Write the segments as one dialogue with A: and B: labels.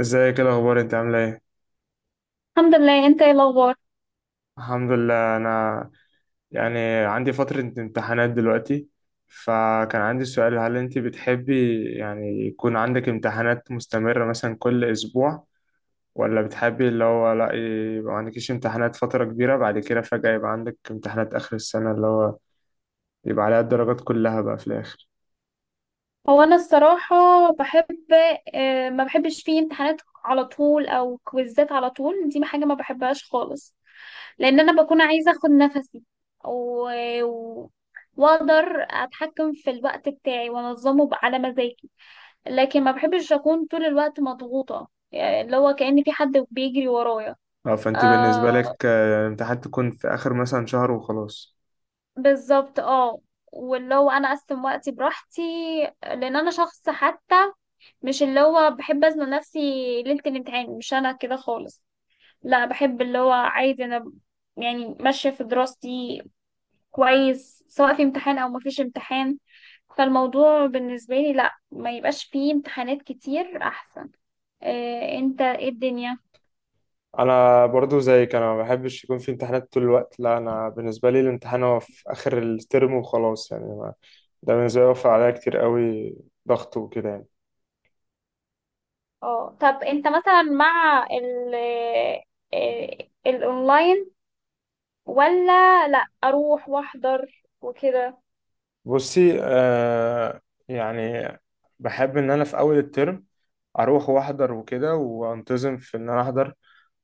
A: ازيك؟ ايه الاخبار؟ انت عامله ايه؟
B: الحمد لله، انت ايه الاخبار؟
A: الحمد لله. انا يعني عندي فتره امتحانات دلوقتي، فكان عندي سؤال: هل انت بتحبي يكون عندك امتحانات مستمره مثلا كل اسبوع؟ ولا بتحبي اللي هو لا، يبقى ما عندكيش امتحانات فتره كبيره، بعد كده فجاه يبقى عندك امتحانات اخر السنه اللي هو يبقى عليها الدرجات كلها بقى في الاخر؟
B: هو انا الصراحه بحب، اه ما بحبش فيه امتحانات على طول او كويزات على طول. دي حاجه ما بحبهاش خالص، لان انا بكون عايزه اخد نفسي و... و... واقدر اتحكم في الوقت بتاعي وانظمه على مزاجي. لكن ما بحبش اكون طول الوقت مضغوطه، يعني اللي هو كأن في حد بيجري ورايا.
A: اه، فانت بالنسبه
B: آه،
A: لك الامتحانات تكون في اخر مثلا شهر وخلاص.
B: بالظبط اه. واللي هو انا اقسم وقتي براحتي، لان انا شخص حتى مش اللي هو بحب أزنق نفسي ليلة الامتحان. مش أنا كده خالص. لا، بحب اللي هو عايز أنا يعني ماشية في دراستي كويس، سواء في امتحان أو مفيش امتحان. فالموضوع بالنسبة لي لا، ما يبقاش فيه امتحانات كتير أحسن. إيه أنت، إيه الدنيا؟
A: انا برضو زيك، انا ما بحبش يكون في امتحانات طول الوقت، لا انا بالنسبه لي الامتحان هو في اخر الترم وخلاص، يعني ما. ده بالنسبه لي وفر عليا كتير قوي ضغط وكده يعني.
B: اه، طب أنت مثلا مع ال الأونلاين ولا لا، أروح وأحضر وكده؟
A: بصي آه، يعني بحب ان انا في اول الترم اروح واحضر وكده، وانتظم في ان انا احضر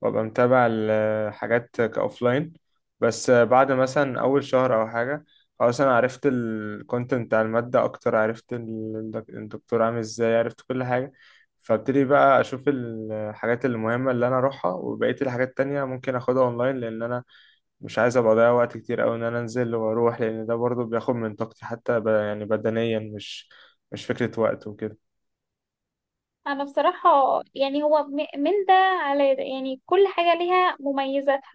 A: وابقى متابع الحاجات كاوفلاين. بس آه، بعد مثلا اول شهر او حاجه خلاص انا عرفت الكونتنت بتاع الماده اكتر، عرفت الدكتور عامل ازاي، عرفت كل حاجه. فابتدي بقى اشوف الحاجات المهمه اللي انا اروحها، وبقيه الحاجات التانية ممكن اخدها اونلاين، لان انا مش عايز ابقى اضيع وقت كتير قوي ان انا انزل واروح، لان ده برضو بياخد من طاقتي حتى ب... يعني بدنيا، مش فكرة وقت وكده.
B: انا بصراحة يعني هو من ده على ده، يعني كل حاجة ليها مميزاتها.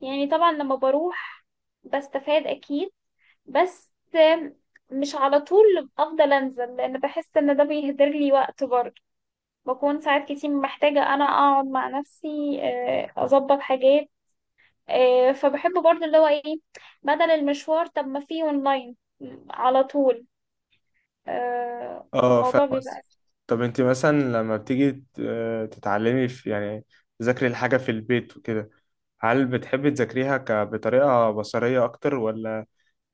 B: يعني طبعا لما بروح بستفاد اكيد، بس مش على طول افضل انزل، لان بحس ان ده بيهدر لي وقت برضه. بكون ساعات كتير محتاجة انا اقعد مع نفسي، آه، اظبط حاجات. آه، فبحب برضه اللي هو ايه، بدل المشوار طب ما فيه اونلاين على طول. آه،
A: اه فاهم
B: فالموضوع
A: قصدي.
B: بيبقى.
A: طب انت مثلا لما بتيجي تتعلمي في تذاكري الحاجة في البيت وكده، هل بتحبي تذاكريها بطريقة بصرية اكتر، ولا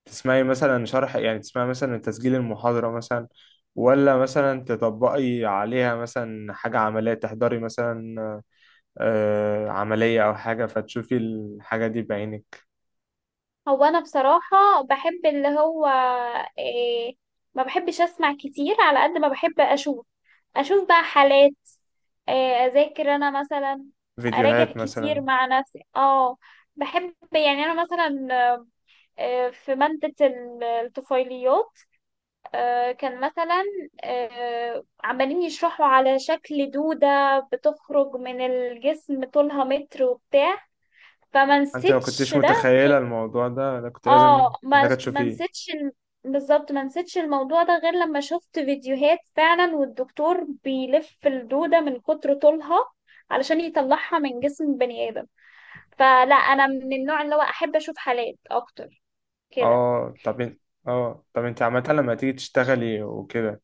A: تسمعي مثلا شرح، تسمعي مثلا تسجيل المحاضرة مثلا، ولا مثلا تطبقي عليها مثلا حاجة عملية، تحضري مثلا عملية أو حاجة فتشوفي الحاجة دي بعينك؟
B: هو انا بصراحة بحب اللي هو إيه، ما بحبش اسمع كتير على قد ما بحب اشوف. اشوف بقى حالات، إيه، اذاكر انا مثلا، اراجع
A: فيديوهات
B: كتير
A: مثلا.
B: مع نفسي اه. بحب يعني انا مثلا، آه، في مادة الطفيليات، آه، كان مثلا، آه، عمالين يشرحوا على شكل دودة بتخرج من الجسم طولها متر وبتاع، فما
A: انت لو
B: نسيتش
A: كنتش
B: ده.
A: متخيله الموضوع ده، لا كنت لازم
B: اه، ما
A: محتاجه
B: ما
A: تشوفيه.
B: نسيتش بالظبط، ما نسيتش الموضوع ده غير لما شفت فيديوهات فعلا والدكتور بيلف الدودة من كتر طولها علشان يطلعها من جسم بني آدم. فلا، انا من النوع اللي هو احب اشوف حالات اكتر كده.
A: اه طب انت عامه لما تيجي تشتغلي وكده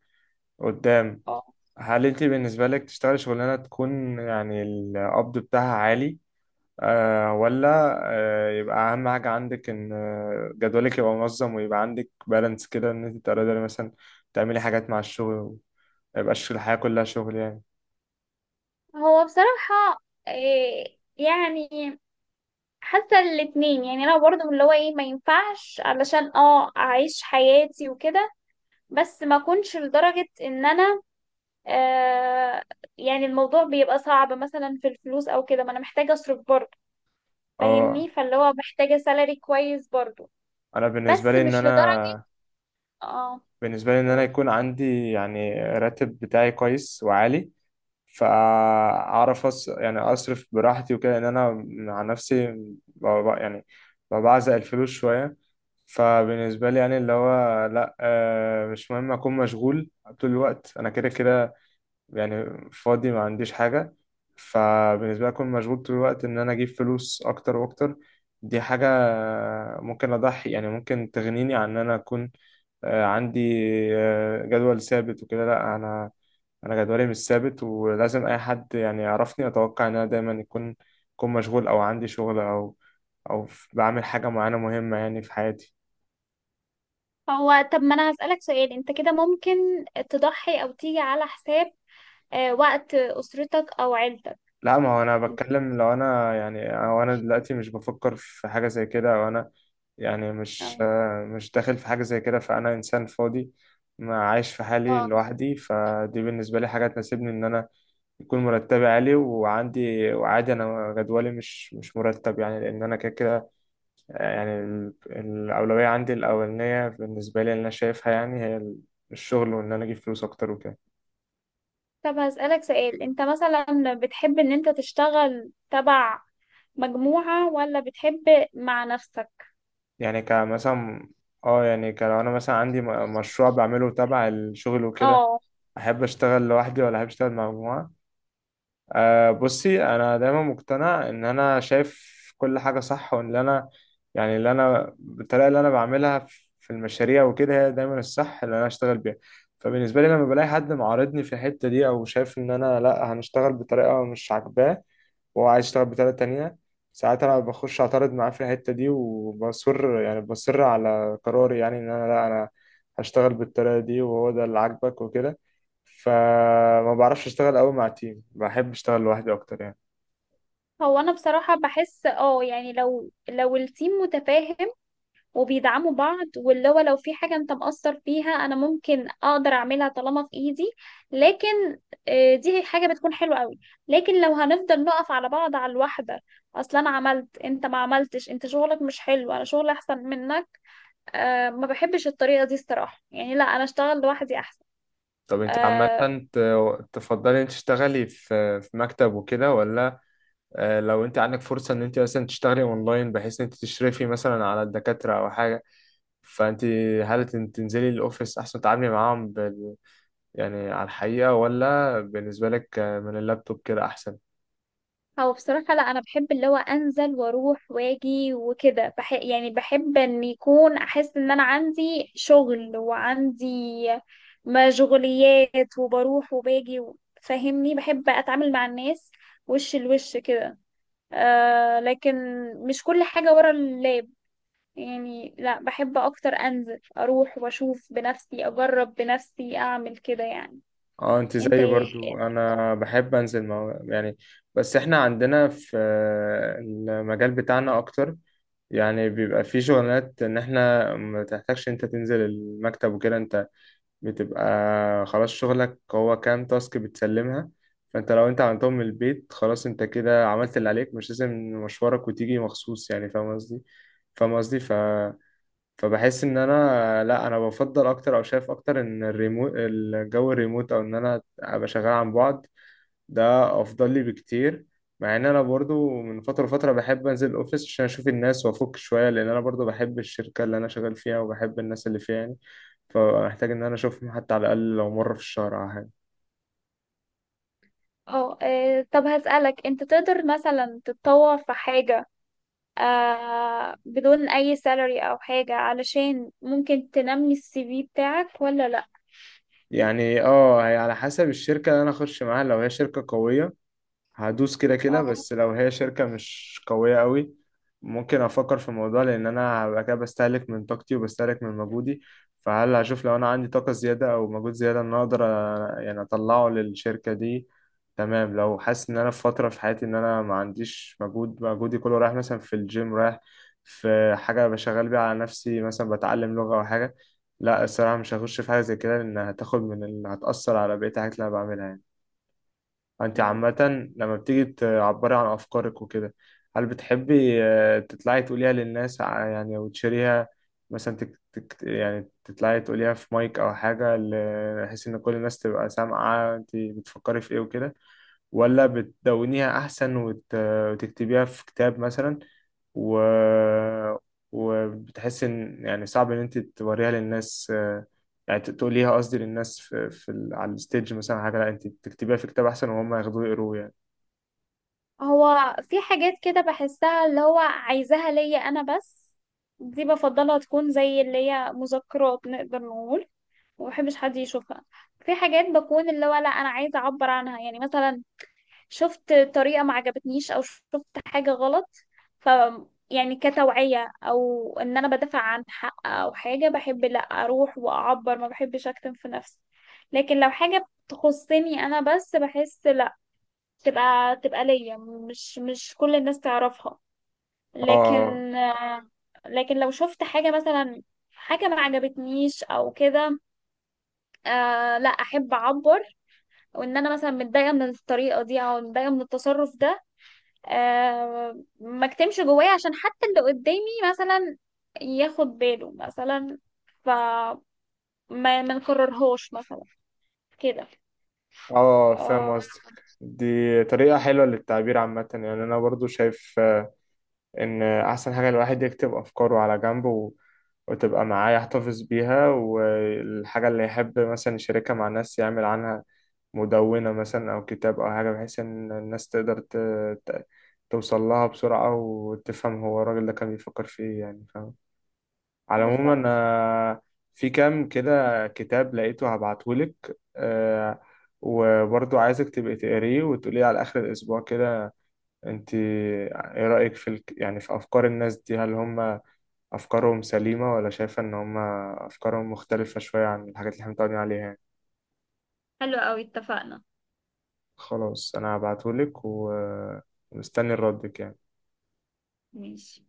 A: قدام،
B: اه،
A: هل انت بالنسبه لك تشتغلي شغلانه تكون القبض بتاعها عالي، ولا يبقى اهم حاجه عندك ان جدولك يبقى منظم ويبقى عندك بالانس كده، ان انت تقدري مثلا تعملي حاجات مع الشغل وما يبقاش الحياه كلها شغل يعني؟
B: هو بصراحة إيه يعني، حاسة الاتنين. يعني انا برضه من اللي هو ايه، ما ينفعش علشان اه اعيش حياتي وكده، بس ما اكونش لدرجة ان انا آه، يعني الموضوع بيبقى صعب مثلا في الفلوس او كده. ما انا محتاجة اصرف برضه،
A: اه،
B: فاهمني؟ فاللي هو محتاجة سالري كويس برضه،
A: انا بالنسبه
B: بس
A: لي ان
B: مش
A: انا،
B: لدرجة. اه،
A: بالنسبة لي إن أنا
B: قول.
A: يكون عندي راتب بتاعي كويس وعالي، فأعرف أص... يعني أصرف براحتي وكده، لأن أنا مع نفسي ب... ب- يعني بعزق الفلوس شوية. فبالنسبة لي يعني اللي هو لأ آه، مش مهم أكون مشغول طول الوقت، أنا كده كده يعني فاضي ما عنديش حاجة. فبالنسبة لي أكون مشغول طول الوقت إن أنا أجيب فلوس أكتر وأكتر، دي حاجة ممكن أضحي ممكن تغنيني عن إن أنا أكون عندي جدول ثابت وكده. لا انا، انا جدولي مش ثابت، ولازم اي حد يعرفني اتوقع ان انا دايما يكون مشغول او عندي شغل بعمل حاجه معينه مهمه يعني في حياتي.
B: هو طب ما انا هسألك سؤال، انت كده ممكن تضحي او تيجي على حساب آه وقت اسرتك او عيلتك؟
A: لا، ما هو انا بتكلم لو انا يعني او انا دلوقتي مش بفكر في حاجه زي كده، او انا
B: اه.
A: مش داخل في حاجه زي كده، فانا انسان فاضي ما عايش في حالي
B: آه.
A: لوحدي، فدي بالنسبه لي حاجه تناسبني ان انا يكون مرتبي عالي وعندي، وعادي انا جدولي مش مرتب يعني، لان انا كده كده. آه، الاولويه عندي الاولانيه بالنسبه لي اللي انا شايفها الشغل وان انا اجيب فلوس اكتر وكده.
B: طب هسألك سؤال، انت مثلا بتحب ان انت تشتغل تبع مجموعة ولا بتحب مع نفسك؟
A: يعني كمثلا اه يعني كلو انا مثلا عندي مشروع بعمله تبع الشغل وكده،
B: اه.
A: احب اشتغل لوحدي ولا احب اشتغل مع مجموعه؟ أه بصي، انا دايما مقتنع ان انا شايف كل حاجه صح، وان اللي انا يعني اللي انا الطريقه اللي انا بعملها في المشاريع وكده هي دايما الصح اللي انا اشتغل بيها. فبالنسبه لي لما بلاقي حد معارضني في الحته دي، او شايف ان انا لا هنشتغل بطريقه مش عاجباه وهو عايز يشتغل بطريقة تانية، ساعات أنا بخش أعترض معاه في الحتة دي، وبصر بصر على قراري، يعني إن أنا لا أنا هشتغل بالطريقة دي وهو ده اللي عاجبك وكده. فما بعرفش أشتغل أوي مع تيم، بحب أشتغل لوحدي أكتر يعني.
B: هو انا بصراحة بحس اه، يعني لو التيم متفاهم وبيدعموا بعض، واللي هو لو في حاجة انت مقصر فيها، انا ممكن اقدر اعملها طالما في ايدي. لكن آه، دي حاجة بتكون حلوة قوي. لكن لو هنفضل نقف على بعض على الواحدة، اصلا انا عملت انت ما عملتش، انت شغلك مش حلو، انا شغلي احسن منك. أه، ما بحبش الطريقة دي الصراحة. يعني لا، انا اشتغل لوحدي احسن.
A: طب أنت عامة
B: آه.
A: تفضلي أنت تشتغلي في مكتب وكده، ولا آه، لو أنت عندك فرصة إن أنت مثلا تشتغلي أونلاين، بحيث إن أنت تشرفي مثلا على الدكاترة أو حاجة، فأنت هل تنزلي الأوفيس أحسن تتعاملي معاهم يعني على الحقيقة، ولا بالنسبة لك من اللابتوب كده أحسن؟
B: هو بصراحة لا، أنا بحب اللي هو أنزل وأروح وأجي وكده. يعني بحب إن يكون، أحس إن أنا عندي شغل وعندي مشغوليات، وبروح وباجي فاهمني. بحب أتعامل مع الناس وش لوش كده. آه، لكن مش كل حاجة ورا اللاب. يعني لا، بحب أكتر أنزل أروح وأشوف بنفسي، أجرب بنفسي، أعمل كده يعني.
A: اه انت
B: أنت
A: زيي برضو،
B: إيه-
A: انا بحب انزل مع يعني، بس احنا عندنا في المجال بتاعنا اكتر يعني بيبقى في شغلانات ان احنا ما تحتاجش انت تنزل المكتب وكده، انت بتبقى خلاص شغلك هو كام تاسك بتسلمها، فانت لو انت عملتهم من البيت خلاص انت كده عملت اللي عليك، مش لازم مشوارك وتيجي مخصوص يعني، فاهم قصدي؟ فاهم قصدي، فبحس ان انا لا، انا بفضل اكتر او شايف اكتر ان الريموت او ان انا ابقى شغال عن بعد، ده افضل لي بكتير. مع ان انا برضو من فتره لفتره بحب انزل الاوفيس عشان اشوف الناس وافك شويه، لان انا برضو بحب الشركه اللي انا شغال فيها وبحب الناس اللي فيها يعني، فمحتاج ان انا اشوفهم حتى على الاقل لو مره في الشهر او حاجه.
B: اه، آه، طب هسألك، أنت تقدر مثلا تتطور في حاجة آه بدون اي سالري او حاجة، علشان ممكن تنمي السي في بتاعك ولا لا؟
A: يعني اه، هي على حسب الشركه اللي انا اخش معاها، لو هي شركه قويه هدوس كده كده،
B: آه.
A: بس لو هي شركة مش قوية قوي ممكن أفكر في الموضوع، لأن أنا هبقى كده بستهلك من طاقتي وبستهلك من مجهودي. فهل هشوف لو أنا عندي طاقة زيادة أو مجهود زيادة إن أنا أقدر أطلعه للشركة دي؟ تمام. لو حاسس إن أنا في فترة في حياتي إن أنا ما عنديش مجهود، مجهودي كله رايح مثلا في الجيم، رايح في حاجة بشغل بيها على نفسي، مثلا بتعلم لغة أو حاجة، لا الصراحة مش هخش في حاجة زي كده، لأن هتاخد من هتأثر على بقية الحاجات اللي أنا بعملها يعني. انت
B: مم.
A: عامة لما بتيجي تعبري عن افكارك وكده، هل بتحبي آه، تطلعي تقوليها للناس، او تشيريها مثلا تك تك، يعني تطلعي تقوليها في مايك او حاجة بحيث ان كل الناس تبقى سامعة انت بتفكري في ايه وكده، ولا بتدونيها أحسن وتكتبيها في كتاب مثلا و... وبتحس إن يعني صعب إن أنت توريها للناس، آه، يعني تقوليها قصدي للناس على الستيج مثلا حاجة، لا أنت تكتبيها في كتاب أحسن وهم ياخدوه يقروه يعني؟
B: هو في حاجات كده بحسها اللي هو عايزاها ليا انا بس، دي بفضلها تكون زي اللي هي مذكرات نقدر نقول، ومبحبش حد يشوفها. في حاجات بكون اللي هو لا، انا عايزه اعبر عنها. يعني مثلا شفت طريقة ما عجبتنيش، او شفت حاجة غلط، ف يعني كتوعية او ان انا بدافع عن حق او حاجة، بحب لا اروح واعبر، ما بحبش اكتم في نفسي. لكن لو حاجة تخصني انا بس، بحس لا، تبقى تبقى ليا، مش كل الناس تعرفها.
A: اه،
B: لكن آه، لكن لو شفت حاجة مثلا، حاجة ما عجبتنيش او كده، آه لا، احب اعبر، وان انا مثلا متضايقة من الطريقة دي او متضايقة من التصرف ده. آه، ما اكتمش جوايا، عشان حتى اللي قدامي مثلا ياخد باله مثلا، فما ما ما نكررهوش مثلا كده.
A: اه فاهم
B: آه،
A: قصدك. دي طريقة حلوة للتعبير عامة، يعني أنا برضو شايف ان احسن حاجة الواحد يكتب افكاره على جنب وتبقى معاه يحتفظ بيها، والحاجة اللي يحب مثلا يشاركها مع الناس يعمل عنها مدونة مثلا او كتاب او حاجة، بحيث ان الناس تقدر ت... توصل لها بسرعة وتفهم هو الراجل ده كان بيفكر في ايه، يعني فاهم. على العموم
B: بالظبط.
A: انا في كام كده كتاب لقيته هبعتهولك، أه، وبرضو عايزك تبقي تقريه وتقولي على آخر الأسبوع كده، انت ايه رأيك في الك... يعني في افكار الناس دي؟ هل هم افكارهم سليمة، ولا شايفة ان هم افكارهم مختلفة شوية عن الحاجات اللي احنا متعودين عليها يعني؟
B: حلو قوي، اتفقنا.
A: خلاص انا هبعتهولك ومستني ردك يعني.
B: ماشي.